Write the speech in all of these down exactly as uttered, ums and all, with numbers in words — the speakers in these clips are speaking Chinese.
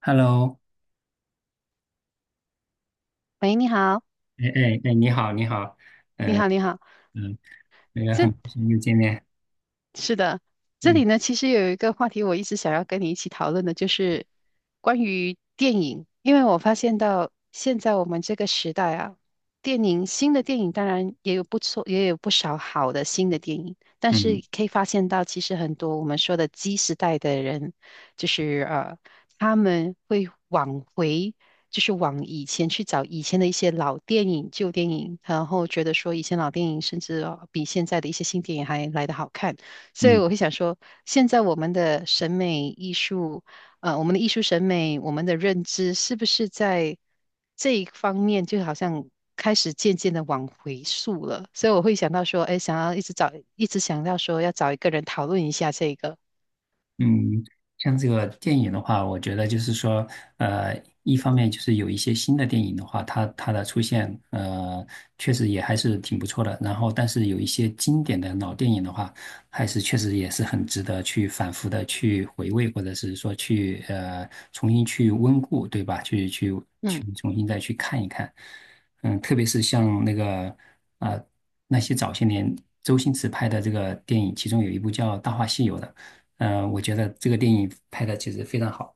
Hello，喂，你好，哎哎哎，你好，你好，你嗯、好，你好。嗯，那个很高这兴又见面，是的，这嗯里呢，其实有一个话题我一直想要跟你一起讨论的，就是关于电影，因为我发现到现在我们这个时代啊，电影新的电影当然也有不错，也有不少好的新的电影，但嗯是可以发现到，其实很多我们说的 Z 时代的人，就是呃，他们会往回。就是往以前去找以前的一些老电影、旧电影，然后觉得说以前老电影甚至呃比现在的一些新电影还来得好看。所以嗯。我会想说，现在我们的审美艺术，呃，我们的艺术审美，我们的认知，是不是在这一方面，就好像开始渐渐的往回溯了？所以我会想到说，哎，想要一直找，一直想到说要找一个人讨论一下这个，嗯，像这个电影的话，我觉得就是说，呃，一方面就是有一些新的电影的话，它它的出现，呃，确实也还是挺不错的。然后，但是有一些经典的老电影的话，还是确实也是很值得去反复的去回味，或者是说去呃重新去温故，对吧？去去去嗯重新再去看一看。嗯，特别是像那个啊那些早些年周星驰拍的这个电影，其中有一部叫《大话西游》的。嗯，我觉得这个电影拍的其实非常好。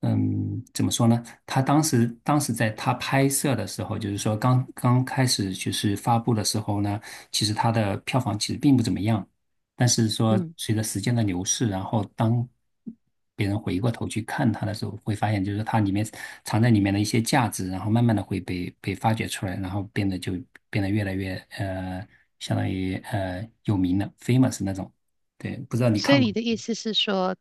嗯，怎么说呢？他当时当时在他拍摄的时候，就是说刚刚开始就是发布的时候呢，其实他的票房其实并不怎么样。但是说嗯。随着时间的流逝，然后当别人回过头去看他的时候，会发现就是他里面藏在里面的一些价值，然后慢慢的会被被发掘出来，然后变得就变得越来越呃，相当于呃有名了，famous 那种。对，不知道你所以看过？你的意思是说，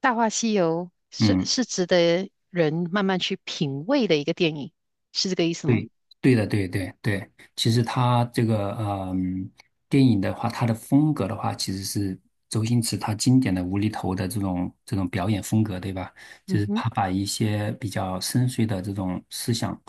《大话西游》是嗯。是值得人慢慢去品味的一个电影，是这个意思吗？对，对的，对对对，其实他这个嗯，电影的话，他的风格的话，其实是周星驰他经典的无厘头的这种这种表演风格，对吧？就嗯是哼，他把一些比较深邃的这种思想，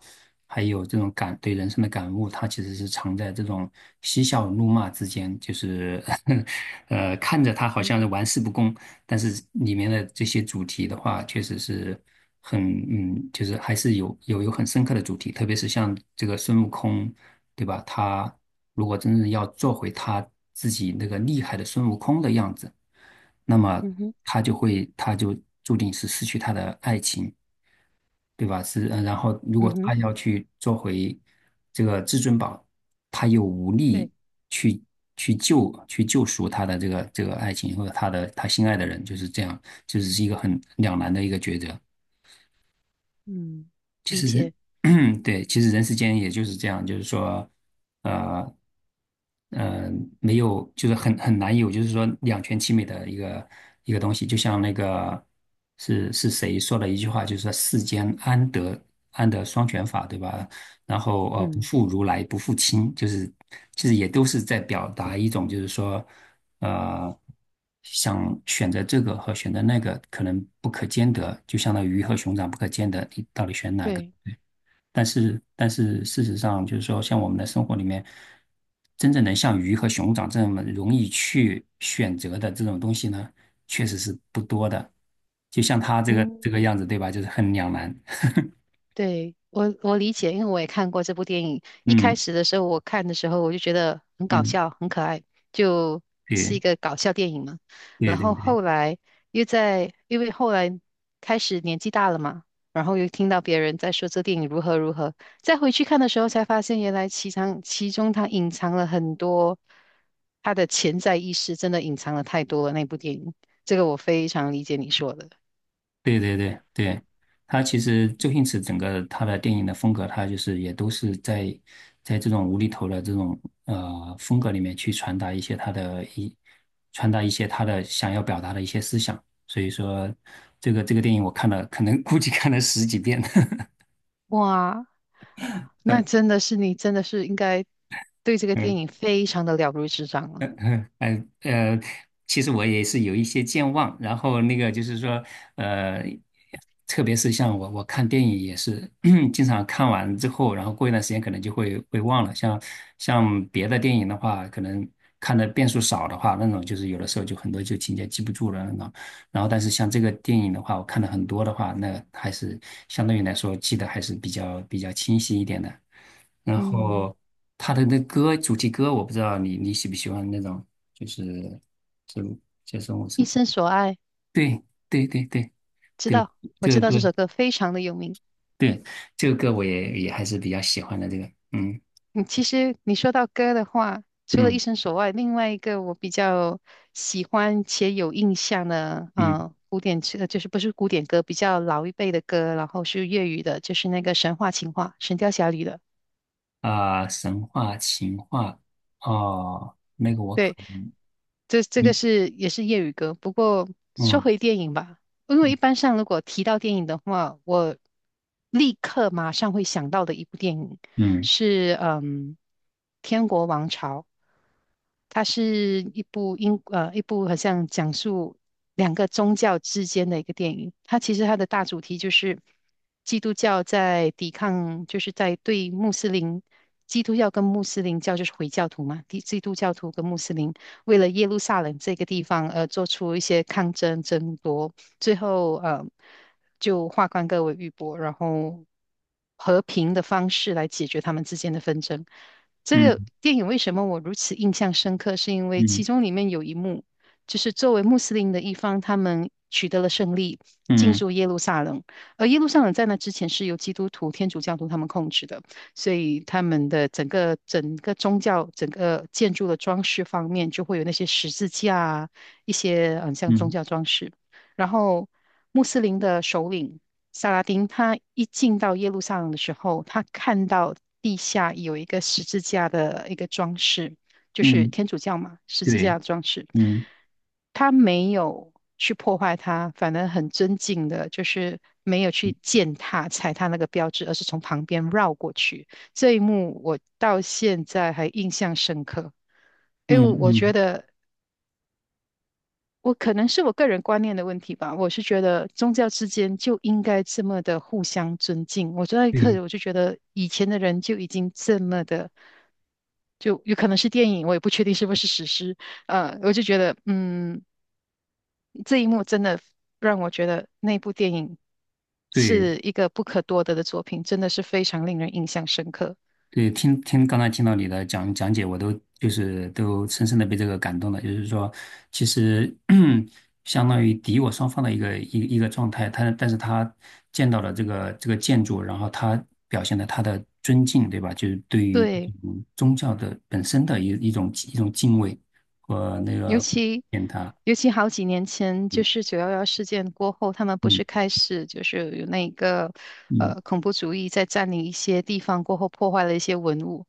还有这种感对人生的感悟，他其实是藏在这种嬉笑怒骂之间，就是 呃，看着他好嗯像是玩世不恭，但是里面的这些主题的话，确实是很嗯，就是还是有有有很深刻的主题，特别是像这个孙悟空，对吧？他如果真正要做回他自己那个厉害的孙悟空的样子，那么嗯哼，他就会他就注定是失去他的爱情。对吧？是，呃然后如果嗯哼，他要去做回这个至尊宝，他又无力对，去去救去救赎他的这个这个爱情或者他的他心爱的人，就是这样，就是是一个很两难的一个抉择。嗯，其理实解，人，对，其实人世间也就是这样，就是说，呃，嗯，没有，就是很很难有，就是说两全其美的一个一个东西。就像那个是是谁说的一句话，就是说世间安得安得双全法，对吧？然后呃，不嗯。负如来不负卿，就是其实也都是在表达一种，就是说呃，想选择这个和选择那个可能不可兼得，就相当于鱼和熊掌不可兼得，你到底选哪个？对，但是，但是事实上，就是说，像我们的生活里面，真正能像鱼和熊掌这么容易去选择的这种东西呢，确实是不多的。就像他这个这嗯，个样子，对吧？就是很两难。对，我我理解，因为我也看过这部电影。一开嗯始的时候，我看的时候我就觉得很搞嗯，笑，很可爱，就是一对个搞笑电影嘛。对然对后对。后来又在，因为后来开始年纪大了嘛，然后又听到别人在说这电影如何如何，再回去看的时候才发现，原来其藏其中它隐藏了很多，它的潜在意识真的隐藏了太多了。那部电影，这个我非常理解你说的。对对对对，他其实周星驰整个他的电影的风格，他就是也都是在在这种无厘头的这种呃风格里面去传达一些他的一传达一些他的想要表达的一些思想。所以说，这个这个电影我看了，可能估计看了十几遍。哇，那真 的是你，真的是应该对这个电嗯 影非常的了如指掌 了。嗯嗯呃，其实我也是有一些健忘，然后那个就是说，呃，特别是像我我看电影也是，经常看完之后，然后过一段时间可能就会会忘了。像像别的电影的话，可能看的遍数少的话，那种就是有的时候就很多就情节记不住了那种。然后但是像这个电影的话，我看的很多的话，那还是相对于来说记得还是比较比较清晰一点的。然嗯，后他的那歌主题歌，我不知道你你喜不喜欢那种，就是这就是我是一生所爱，对对对对知对，道，我这知个道这歌首歌非常的有名。对这个歌我也也还是比较喜欢的这个，嗯嗯，其实你说到歌的话，除了一嗯生所爱，另外一个我比较喜欢且有印象的，嗯嗯、古典呃就是不是古典歌，比较老一辈的歌，然后是粤语的，就是那个《神话情话》《神雕侠侣》的。啊、神话情话哦，那个我可对，能这这个是也是粤语歌，不过说嗯回电影吧，因为一般上如果提到电影的话，我立刻马上会想到的一部电影嗯是嗯《天国王朝》，它是一部英呃一部好像讲述两个宗教之间的一个电影。它其实它的大主题就是基督教在抵抗，就是在对穆斯林。基督教跟穆斯林教就是回教徒嘛，基基督教徒跟穆斯林为了耶路撒冷这个地方而做出一些抗争争夺，最后呃，就化干戈为玉帛，然后和平的方式来解决他们之间的纷争。这嗯个电影为什么我如此印象深刻？是因为其嗯中里面有一幕，就是作为穆斯林的一方，他们取得了胜利，进嗯驻耶路撒冷。而耶路撒冷在那之前是由基督徒、天主教徒他们控制的，所以他们的整个整个宗教、整个建筑的装饰方面，就会有那些十字架啊，一些嗯嗯像宗嗯教装饰。然后穆斯林的首领萨拉丁，他一进到耶路撒冷的时候，他看到地下有一个十字架的一个装饰，就嗯是嗯天主教嘛，十字架对的装饰。嗯他没有去破坏它，反而很尊敬的，就是没有去践踏、踩踏那个标志，而是从旁边绕过去。这一幕我到现在还印象深刻。因为嗯我觉嗯得我可能是我个人观念的问题吧，我是觉得宗教之间就应该这么的互相尊敬。我那一对刻我就觉得以前的人就已经这么的，就有可能是电影，我也不确定是不是史诗。呃，我就觉得，嗯，这一幕真的让我觉得那部电影对是一个不可多得的作品，真的是非常令人印象深刻。对，听听刚才听到你的讲讲解，我都就是都深深的被这个感动了。就是说，其实 相当于敌我双方的一个一一个状态，他但是他见到了这个这个建筑，然后他表现了他的尊敬，对吧？就是对于这对。种宗教的本身的一一种一种敬畏和那尤个其见他，尤其好几年前，就嗯是九幺幺事件过后，他们不嗯是开始就是有那个嗯呃恐怖主义在占领一些地方过后，破坏了一些文物。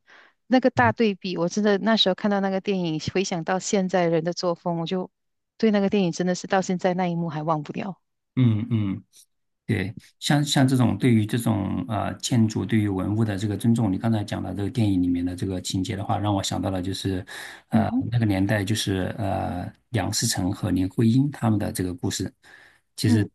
那个大嗯对比，我真的那时候看到那个电影，回想到现在人的作风，我就对那个电影真的是到现在那一幕还忘不掉。嗯嗯。对，像像这种对于这种呃建筑对于文物的这个尊重，你刚才讲的这个电影里面的这个情节的话，让我想到了就是，嗯呃哼，那个年代就是呃梁思成和林徽因他们的这个故事。其嗯。实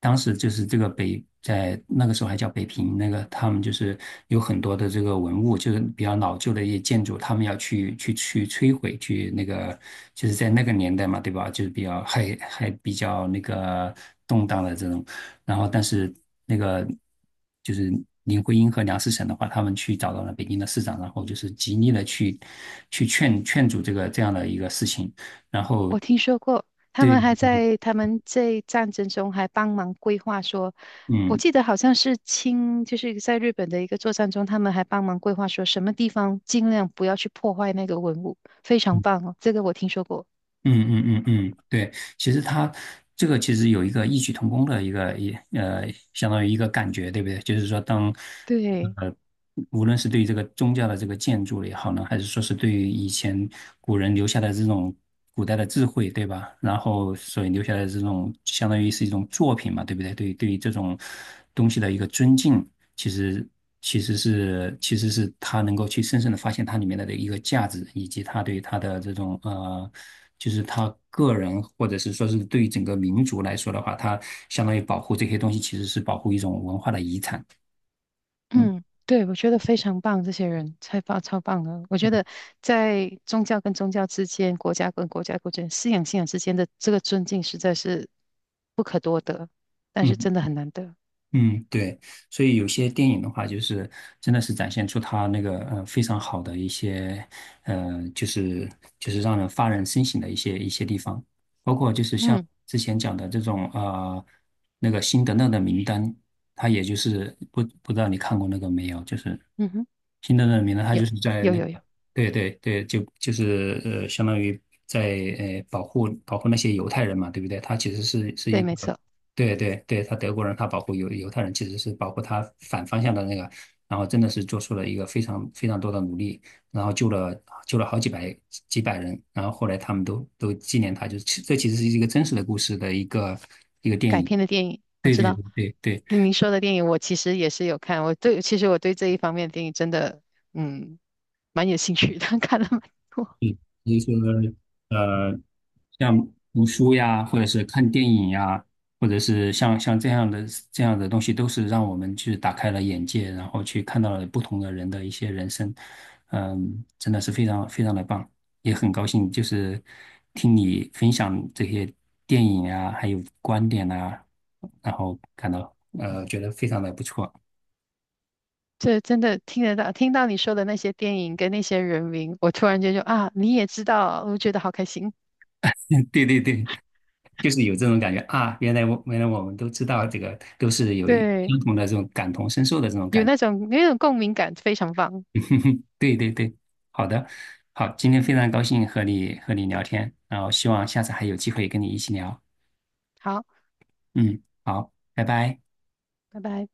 当时就是这个北在那个时候还叫北平，那个他们就是有很多的这个文物，就是比较老旧的一些建筑，他们要去去去摧毁，去那个就是在那个年代嘛，对吧？就是比较还还比较那个动荡的这种。然后但是那个就是林徽因和梁思成的话，他们去找到了北京的市长，然后就是极力的去去劝劝阻这个这样的一个事情，然后我听说过，他对，们还就是在他们在战争中还帮忙规划说，我嗯。记得好像是清，就是在日本的一个作战中，他们还帮忙规划说什么地方尽量不要去破坏那个文物，非常棒哦，这个我听说过。嗯嗯嗯嗯，对，其实他这个其实有一个异曲同工的一个一呃，相当于一个感觉，对不对？就是说当，对 无论是对于这个宗教的这个建筑也好呢，还是说是对于以前古人留下的这种古代的智慧，对吧？然后所以留下来的这种相当于是一种作品嘛，对不对？对于对于这种东西的一个尊敬，其实其实是其实是他能够去深深的发现它里面的一个价值，以及他对他的这种呃。就是他个人，或者是说是对于整个民族来说的话，他相当于保护这些东西，其实是保护一种文化的遗产。嗯嗯，对，我觉得非常棒，这些人太棒超棒了。我觉嗯得在宗教跟宗教之间，国家跟国家之间，信仰信仰之间的这个尊敬实在是不可多得，但是嗯。真的很难得。嗯，对，所以有些电影的话，就是真的是展现出它那个呃非常好的一些呃，就是就是让人发人深省的一些一些地方，包括就是像嗯之前讲的这种呃那个辛德勒的名单，它也就是不不知道你看过那个没有，就是嗯哼，辛德勒的名单，他有就是在有那有有。个对对对，就就是呃相当于在呃保护保护那些犹太人嘛，对不对？他其实是是对，一没个。错，对对对，他德国人，他保护犹犹太人，其实是保护他反方向的那个，然后真的是做出了一个非常非常多的努力，然后救了救了好几百几百人，然后后来他们都都纪念他，就是其这其实是一个真实的故事的一个一个电改影。编的电影我对知对道。对对对，您说的电影我其实也是有看，我对，其实我对这一方面的电影真的，嗯，蛮有兴趣的，看了蛮多。比如说呃，像读书呀，或者是看电影呀，或者是像像这样的这样的东西，都是让我们去打开了眼界，然后去看到了不同的人的一些人生，嗯，真的是非常非常的棒，也很高兴就是听你分享这些电影啊，还有观点啊，然后感到呃觉得非常的不错，这真的听得到，听到你说的那些电影跟那些人名，我突然间就啊，你也知道，我觉得好开心。对对对，就是有这种感觉啊，原来我原来我们都知道这个，都是有一对，相同的这种感同身受的这种有感觉。那种有那种共鸣感，非常棒。哼哼对对对，好的，好，今天非常高兴和你和你聊天，然后希望下次还有机会跟你一起聊。好，嗯，好，拜拜。拜拜。